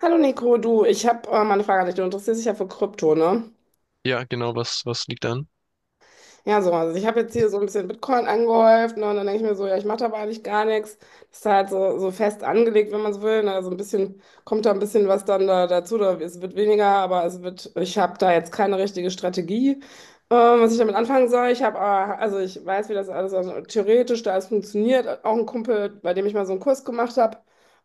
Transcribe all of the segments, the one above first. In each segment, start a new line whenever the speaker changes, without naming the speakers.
Hallo Nico, du, ich habe mal eine Frage an dich. Du interessierst dich ja für Krypto, ne?
Ja, genau, was liegt an?
Ja, so, also ich habe jetzt hier so ein bisschen Bitcoin angehäuft, ne? Und dann denke ich mir so, ja, ich mache da eigentlich gar nichts. Das ist halt so fest angelegt, wenn man so will. Ne? Also ein bisschen, kommt da ein bisschen was dann da, dazu. Oder es wird weniger, aber es wird, ich habe da jetzt keine richtige Strategie, was ich damit anfangen soll. Ich habe, also ich weiß, wie das alles also theoretisch da alles funktioniert. Auch ein Kumpel, bei dem ich mal so einen Kurs gemacht habe.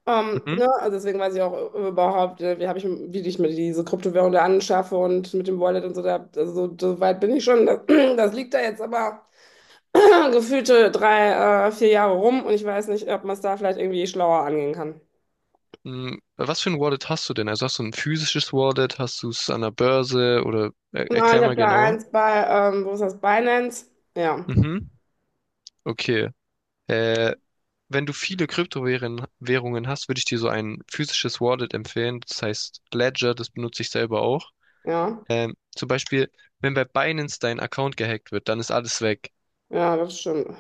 Mhm.
Ne, also deswegen weiß ich auch überhaupt, wie ich mir diese Kryptowährung da anschaffe und mit dem Wallet und so, da, also so weit bin ich schon. Das, das liegt da jetzt aber gefühlte drei, vier Jahre rum und ich weiß nicht, ob man es da vielleicht irgendwie schlauer angehen kann.
Was für ein Wallet hast du denn? Also hast du ein physisches Wallet? Hast du es an der Börse? Oder er
Na,
erklär
ich habe
mal
da
genauer.
eins bei, wo ist das, Binance? Ja,
Mhm. Okay. Äh, Wenn du viele Kryptowährungen Währungen hast, würde ich dir so ein physisches Wallet empfehlen. Das heißt Ledger, das benutze ich selber auch.
ja,
Zum Beispiel, wenn bei Binance dein Account gehackt wird, dann ist alles weg.
ja, das stimmt.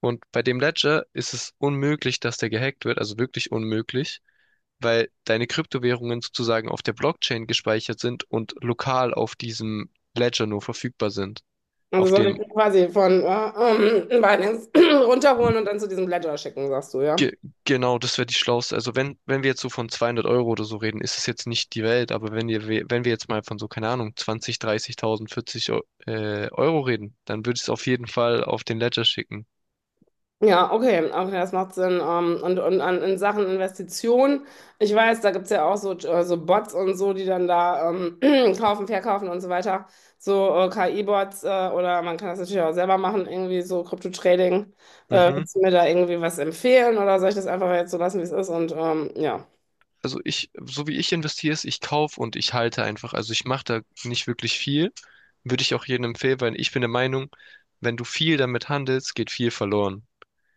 Und bei dem Ledger ist es unmöglich, dass der gehackt wird, also wirklich unmöglich, weil deine Kryptowährungen sozusagen auf der Blockchain gespeichert sind und lokal auf diesem Ledger nur verfügbar sind,
Also
auf dem
sollte ich quasi von Binance runterholen und dann zu diesem Ledger schicken, sagst du, ja?
Ge Genau, das wäre die schlauste. Also wenn wir jetzt so von 200 Euro oder so reden, ist es jetzt nicht die Welt, aber wenn wir jetzt mal von so, keine Ahnung, 20 30.000, 40 Euro reden, dann würde ich es auf jeden Fall auf den Ledger schicken.
Ja, okay, okay, das macht Sinn. Und in Sachen Investitionen, ich weiß, da gibt's ja auch so, so Bots und so, die dann da kaufen, verkaufen und so weiter. So KI-Bots oder man kann das natürlich auch selber machen, irgendwie so Krypto-Trading.
Mhm.
Willst du mir da irgendwie was empfehlen oder soll ich das einfach jetzt so lassen, wie es ist? Und ja,
Also so wie ich investiere, ist, ich kaufe und ich halte einfach. Also ich mache da nicht wirklich viel. Würde ich auch jedem empfehlen, weil ich bin der Meinung, wenn du viel damit handelst, geht viel verloren.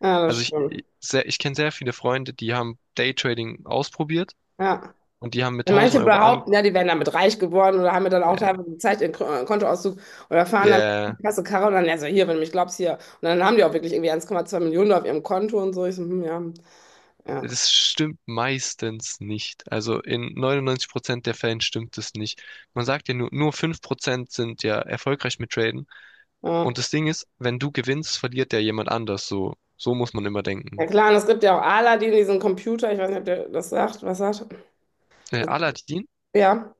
ja, das
Also
stimmt.
ich kenne sehr viele Freunde, die haben Daytrading ausprobiert
Ja.
und die haben mit
Wenn manche
1.000 Euro an,
behaupten, ja, die wären damit reich geworden oder haben mir dann auch
äh,
teilweise gezeigt, ihren Kontoauszug oder fahren dann mit
Ja,
der Kasse Karre und dann, ja, so hier, wenn du mich glaubst, hier. Und dann haben die auch wirklich irgendwie 1,2 Millionen auf ihrem Konto und so. Ich so, hm, ja, ja,
das stimmt meistens nicht. Also in 99% der Fällen stimmt es nicht. Man sagt ja nur 5% sind ja erfolgreich mit Traden. Und
ja.
das Ding ist, wenn du gewinnst, verliert ja jemand anders. So muss man immer
Ja
denken.
klar, und es gibt ja auch Aladdin, diesen Computer, ich weiß nicht, ob was sagt. Das,
Aladdin?
ja.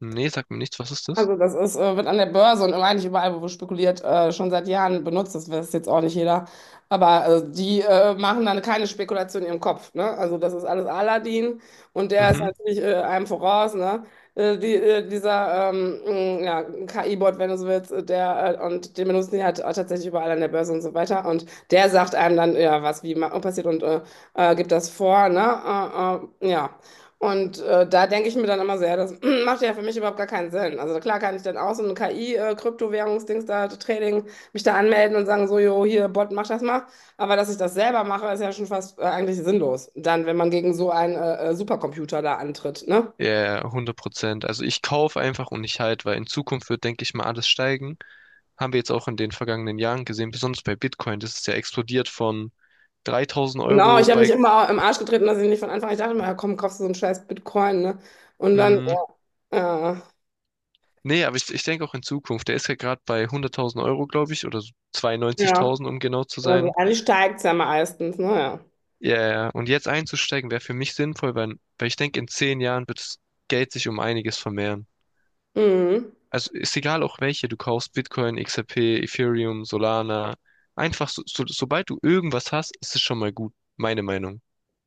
Nee, sagt mir nichts. Was ist das?
Also das ist, wird an der Börse und eigentlich überall, wo spekuliert, schon seit Jahren benutzt. Das weiß jetzt auch nicht jeder. Aber die machen dann keine Spekulation in ihrem Kopf. Ne? Also das ist alles Aladdin und der ist
Mhm.
natürlich einem voraus. Ne? Ja, KI-Bot, wenn du so willst, und den benutzen die halt auch tatsächlich überall an der Börse und so weiter. Und der sagt einem dann, ja, was passiert und gibt das vor. Ne? Ja. Und da denke ich mir dann immer sehr, das macht ja für mich überhaupt gar keinen Sinn. Also klar kann ich dann auch so ein KI-Kryptowährungsdings da Trading mich da anmelden und sagen, so, jo, hier, Bot, mach das mal. Aber dass ich das selber mache, ist ja schon fast eigentlich sinnlos. Dann, wenn man gegen so einen Supercomputer da antritt, ne?
Ja, 100%. Also ich kaufe einfach und ich halt weil in Zukunft wird, denke ich mal, alles steigen. Haben wir jetzt auch in den vergangenen Jahren gesehen, besonders bei Bitcoin. Das ist ja explodiert von 3000
Genau,
Euro
ich habe mich
bei
immer im Arsch getreten, dass ich nicht von Anfang an, ich dachte immer, ja, komm, kaufst du so einen scheiß Bitcoin, ne? Und dann,
hm,
äh,
Nee, aber ich denke auch in Zukunft. Der ist ja gerade bei 100.000 Euro, glaube ich, oder so
ja,
92.000, um genau zu
also
sein.
eigentlich steigt es ja meistens, naja.
Ja, ja. Ja. Und jetzt einzusteigen wäre für mich sinnvoll, weil ich denke, in 10 Jahren wird das Geld sich um einiges vermehren.
Mhm.
Also ist egal auch welche, du kaufst Bitcoin, XRP, Ethereum, Solana. Einfach, sobald du irgendwas hast, ist es schon mal gut, meine Meinung.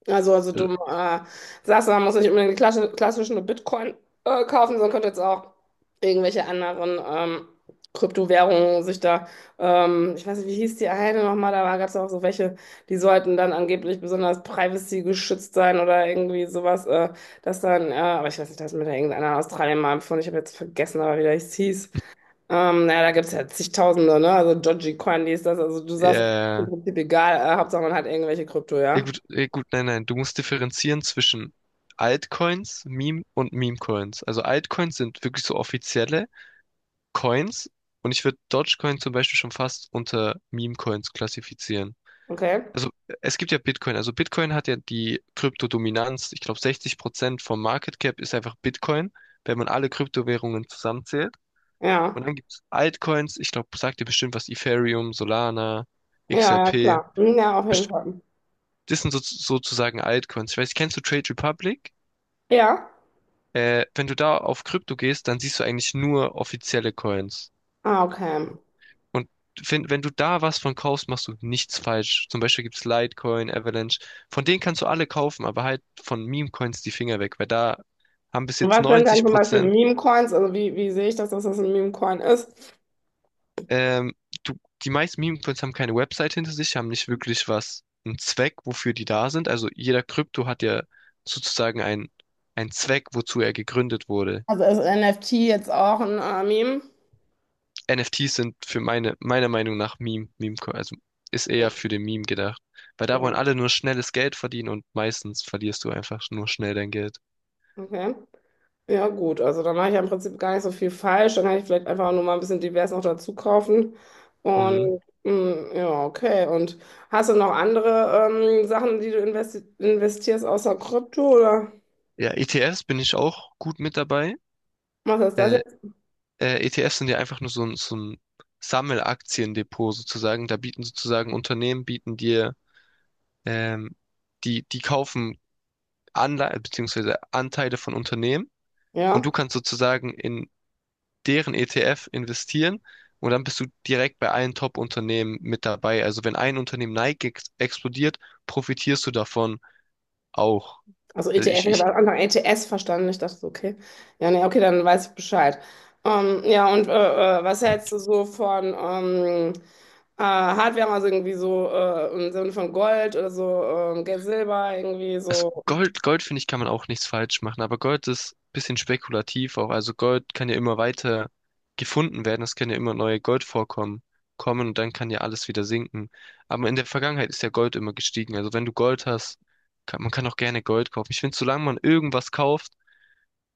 Also
Also,
du sagst, man muss nicht unbedingt die klassischen nur Bitcoin kaufen, sondern könnte jetzt auch irgendwelche anderen Kryptowährungen sich da, ich weiß nicht, wie hieß die eine nochmal, da gab es auch so welche, die sollten dann angeblich besonders privacy geschützt sein oder irgendwie sowas, dass dann, aber ich weiß nicht, das hat mir da irgendeiner aus Australien mal empfohlen, ich habe jetzt vergessen, aber wie das hieß. Naja, da gibt es ja zigtausende, ne? Also Dogecoin, die ist das, also du
ja,
sagst, im
ja,
Prinzip egal, Hauptsache man hat irgendwelche Krypto,
ja,
ja?
gut, ja, gut, nein, nein, du musst differenzieren zwischen Altcoins, Meme und Meme-Coins. Also Altcoins sind wirklich so offizielle. Coins und ich würde Dogecoin zum Beispiel schon fast unter Meme-Coins klassifizieren.
Okay.
Also es gibt ja Bitcoin. Also Bitcoin hat ja die Kryptodominanz. Ich glaube, 60% vom Market Cap ist einfach Bitcoin, wenn man alle Kryptowährungen zusammenzählt. Und
Ja,
dann gibt's Altcoins. Ich glaube, sagt ihr bestimmt was, Ethereum, Solana,
ja, ja,
XRP.
klar. Hm, ja, auf jeden
Best-
Fall.
Das sind so, sozusagen Altcoins. Ich weiß, kennst du Trade Republic?
Ja?
Wenn du da auf Krypto gehst, dann siehst du eigentlich nur offizielle Coins.
Ah, okay.
Und wenn du da was von kaufst, machst du nichts falsch. Zum Beispiel gibt's Litecoin, Avalanche. Von denen kannst du alle kaufen, aber halt von Meme-Coins die Finger weg, weil da haben bis
Und
jetzt
was sind dann
90
zum Beispiel
Prozent,
Meme-Coins? Also wie sehe ich das, dass das ein Meme-Coin ist?
ähm, du, die meisten Meme-Coins haben keine Website hinter sich, haben nicht wirklich was, einen Zweck, wofür die da sind. Also jeder Krypto hat ja sozusagen einen Zweck, wozu er gegründet wurde.
Also ist NFT jetzt auch ein Meme?
NFTs sind für meiner Meinung nach Meme, Meme, also ist
Ja,
eher für den Meme gedacht. Weil da wollen
okay.
alle nur schnelles Geld verdienen und meistens verlierst du einfach nur schnell dein Geld.
Okay. Ja, gut. Also dann mache ich ja im Prinzip gar nicht so viel falsch. Dann kann ich vielleicht einfach nur mal ein bisschen divers noch dazu kaufen.
Mhm.
Und mm, ja, okay. Und hast du noch andere Sachen, die du investi investierst außer Krypto oder
Ja, ETFs bin ich auch gut mit dabei.
was ist das
Äh,
jetzt?
ETFs sind ja einfach nur so ein Sammelaktiendepot sozusagen. Da bieten sozusagen Unternehmen, bieten dir, ähm, die, die kaufen Anleihen beziehungsweise Anteile von Unternehmen und du
Ja.
kannst sozusagen in deren ETF investieren und dann bist du direkt bei allen Top-Unternehmen mit dabei. Also wenn ein Unternehmen Nike ex explodiert, profitierst du davon auch.
Also
Also
ETF,
ich,
ich habe
ich,
am Anfang ETS verstanden. Ich dachte so, okay. Ja, nee, okay, dann weiß ich Bescheid. Ja, und was hältst du so von Hardware, also irgendwie so im Sinne von Gold oder so, Geld, Silber, irgendwie
also
so.
Gold, Gold finde ich, kann man auch nichts falsch machen, aber Gold ist ein bisschen spekulativ auch. Also Gold kann ja immer weiter gefunden werden, es können ja immer neue Goldvorkommen kommen und dann kann ja alles wieder sinken. Aber in der Vergangenheit ist ja Gold immer gestiegen. Also wenn du Gold hast, kann, man kann auch gerne Gold kaufen. Ich finde, solange man irgendwas kauft,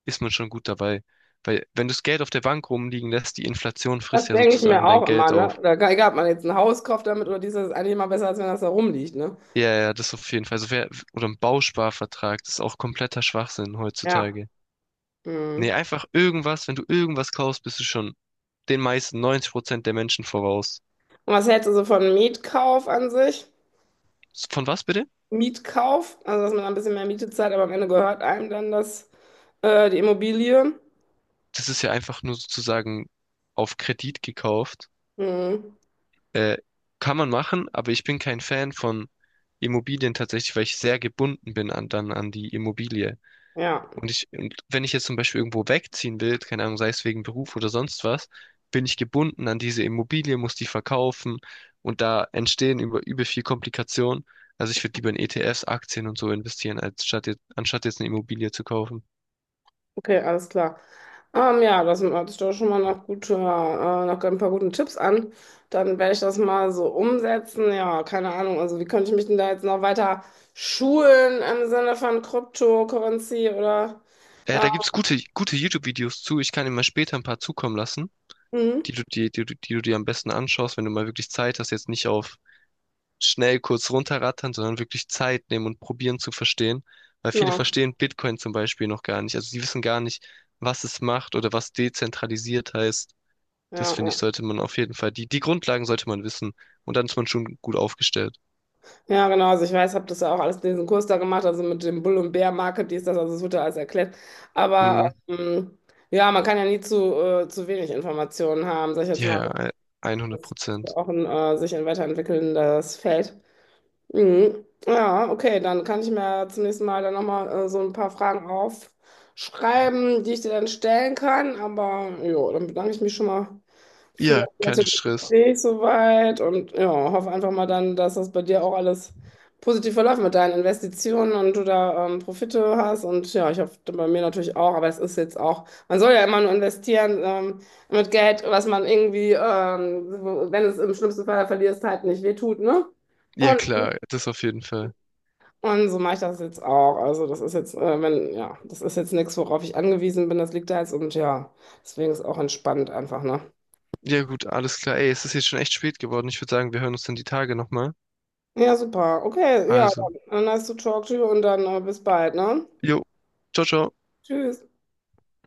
ist man schon gut dabei. Weil wenn du das Geld auf der Bank rumliegen lässt, die Inflation frisst
Das
ja
denke ich mir
sozusagen dein
auch
Geld
immer, ne?
auf.
Oder gar- egal, ob man jetzt ein Haus kauft damit oder dieses, ist eigentlich immer besser, als wenn das da rumliegt, ne?
Ja, ja, das auf jeden Fall. Also oder ein Bausparvertrag, das ist auch kompletter Schwachsinn
Ja.
heutzutage. Nee,
Mhm.
einfach irgendwas, wenn du irgendwas kaufst, bist du schon den meisten 90% der Menschen voraus.
Und was hältst du so von Mietkauf an sich?
Von was bitte?
Mietkauf, also dass man ein bisschen mehr Miete zahlt, aber am Ende gehört einem dann das, die Immobilie.
Das ist ja einfach nur sozusagen auf Kredit gekauft.
Mhm.
Äh, Kann man machen, aber ich bin kein Fan von Immobilien tatsächlich, weil ich sehr gebunden bin an die Immobilie.
Ja,
Und wenn ich jetzt zum Beispiel irgendwo wegziehen will, keine Ahnung, sei es wegen Beruf oder sonst was, bin ich gebunden an diese Immobilie, muss die verkaufen und da entstehen über viel Komplikationen. Also ich würde lieber in ETFs, Aktien und so investieren, anstatt jetzt eine Immobilie zu kaufen.
okay, alles klar. Ja, das hört sich doch schon mal nach guter, nach ein paar guten Tipps an. Dann werde ich das mal so umsetzen. Ja, keine Ahnung. Also, wie könnte ich mich denn da jetzt noch weiter schulen im Sinne von Cryptocurrency oder? Äh,
Da gibt's gute, gute YouTube-Videos zu. Ich kann dir mal später ein paar zukommen lassen, die
mhm.
du, die, die, du- die du dir am besten anschaust, wenn du mal wirklich Zeit hast, jetzt nicht auf schnell kurz runterrattern, sondern wirklich Zeit nehmen und probieren zu verstehen. Weil viele
Genau.
verstehen Bitcoin zum Beispiel noch gar nicht. Also sie wissen gar nicht, was es macht oder was dezentralisiert heißt. Das
Ja,
finde ich,
ja.
sollte man auf jeden Fall, die Grundlagen sollte man wissen. Und dann ist man schon gut aufgestellt.
Ja, genau. Also ich weiß, habe das ja auch alles diesen Kurs da gemacht, also mit dem Bull- und Bear-Market, dies, das, also es wird ja alles erklärt. Aber
Mm,
ja, man kann ja nie zu wenig Informationen haben, sag ich jetzt mal.
ja, ja,
Das
100
ist ja
Prozent.
auch ein sich ein weiterentwickelndes Feld. Mhm. Ja, okay, dann kann ich mir zum nächsten Mal dann nochmal so ein paar Fragen aufschreiben, die ich dir dann stellen kann. Aber ja, dann bedanke ich mich schon mal für
Ja,
das
kein
nette
Stress.
Gespräch soweit und ja, hoffe einfach mal dann, dass das bei dir auch alles positiv verläuft mit deinen Investitionen und du da Profite hast. Und ja, ich hoffe bei mir natürlich auch, aber es ist jetzt auch, man soll ja immer nur investieren mit Geld, was man irgendwie, wenn es im schlimmsten Fall verlierst, halt nicht wehtut, ne?
Ja,
Und
klar, das auf jeden Fall.
und so mache ich das jetzt auch. Also das ist jetzt, wenn, ja, das ist jetzt nichts, worauf ich angewiesen bin. Das liegt da jetzt und ja, deswegen ist auch entspannt einfach, ne?
Ja, gut, alles klar. Ey, es ist jetzt schon echt spät geworden. Ich würde sagen, wir hören uns dann die Tage nochmal.
Ja, super. Okay, ja,
Also,
dann nice to talk to you und dann bis bald, ne?
jo, ciao, ciao.
Tschüss.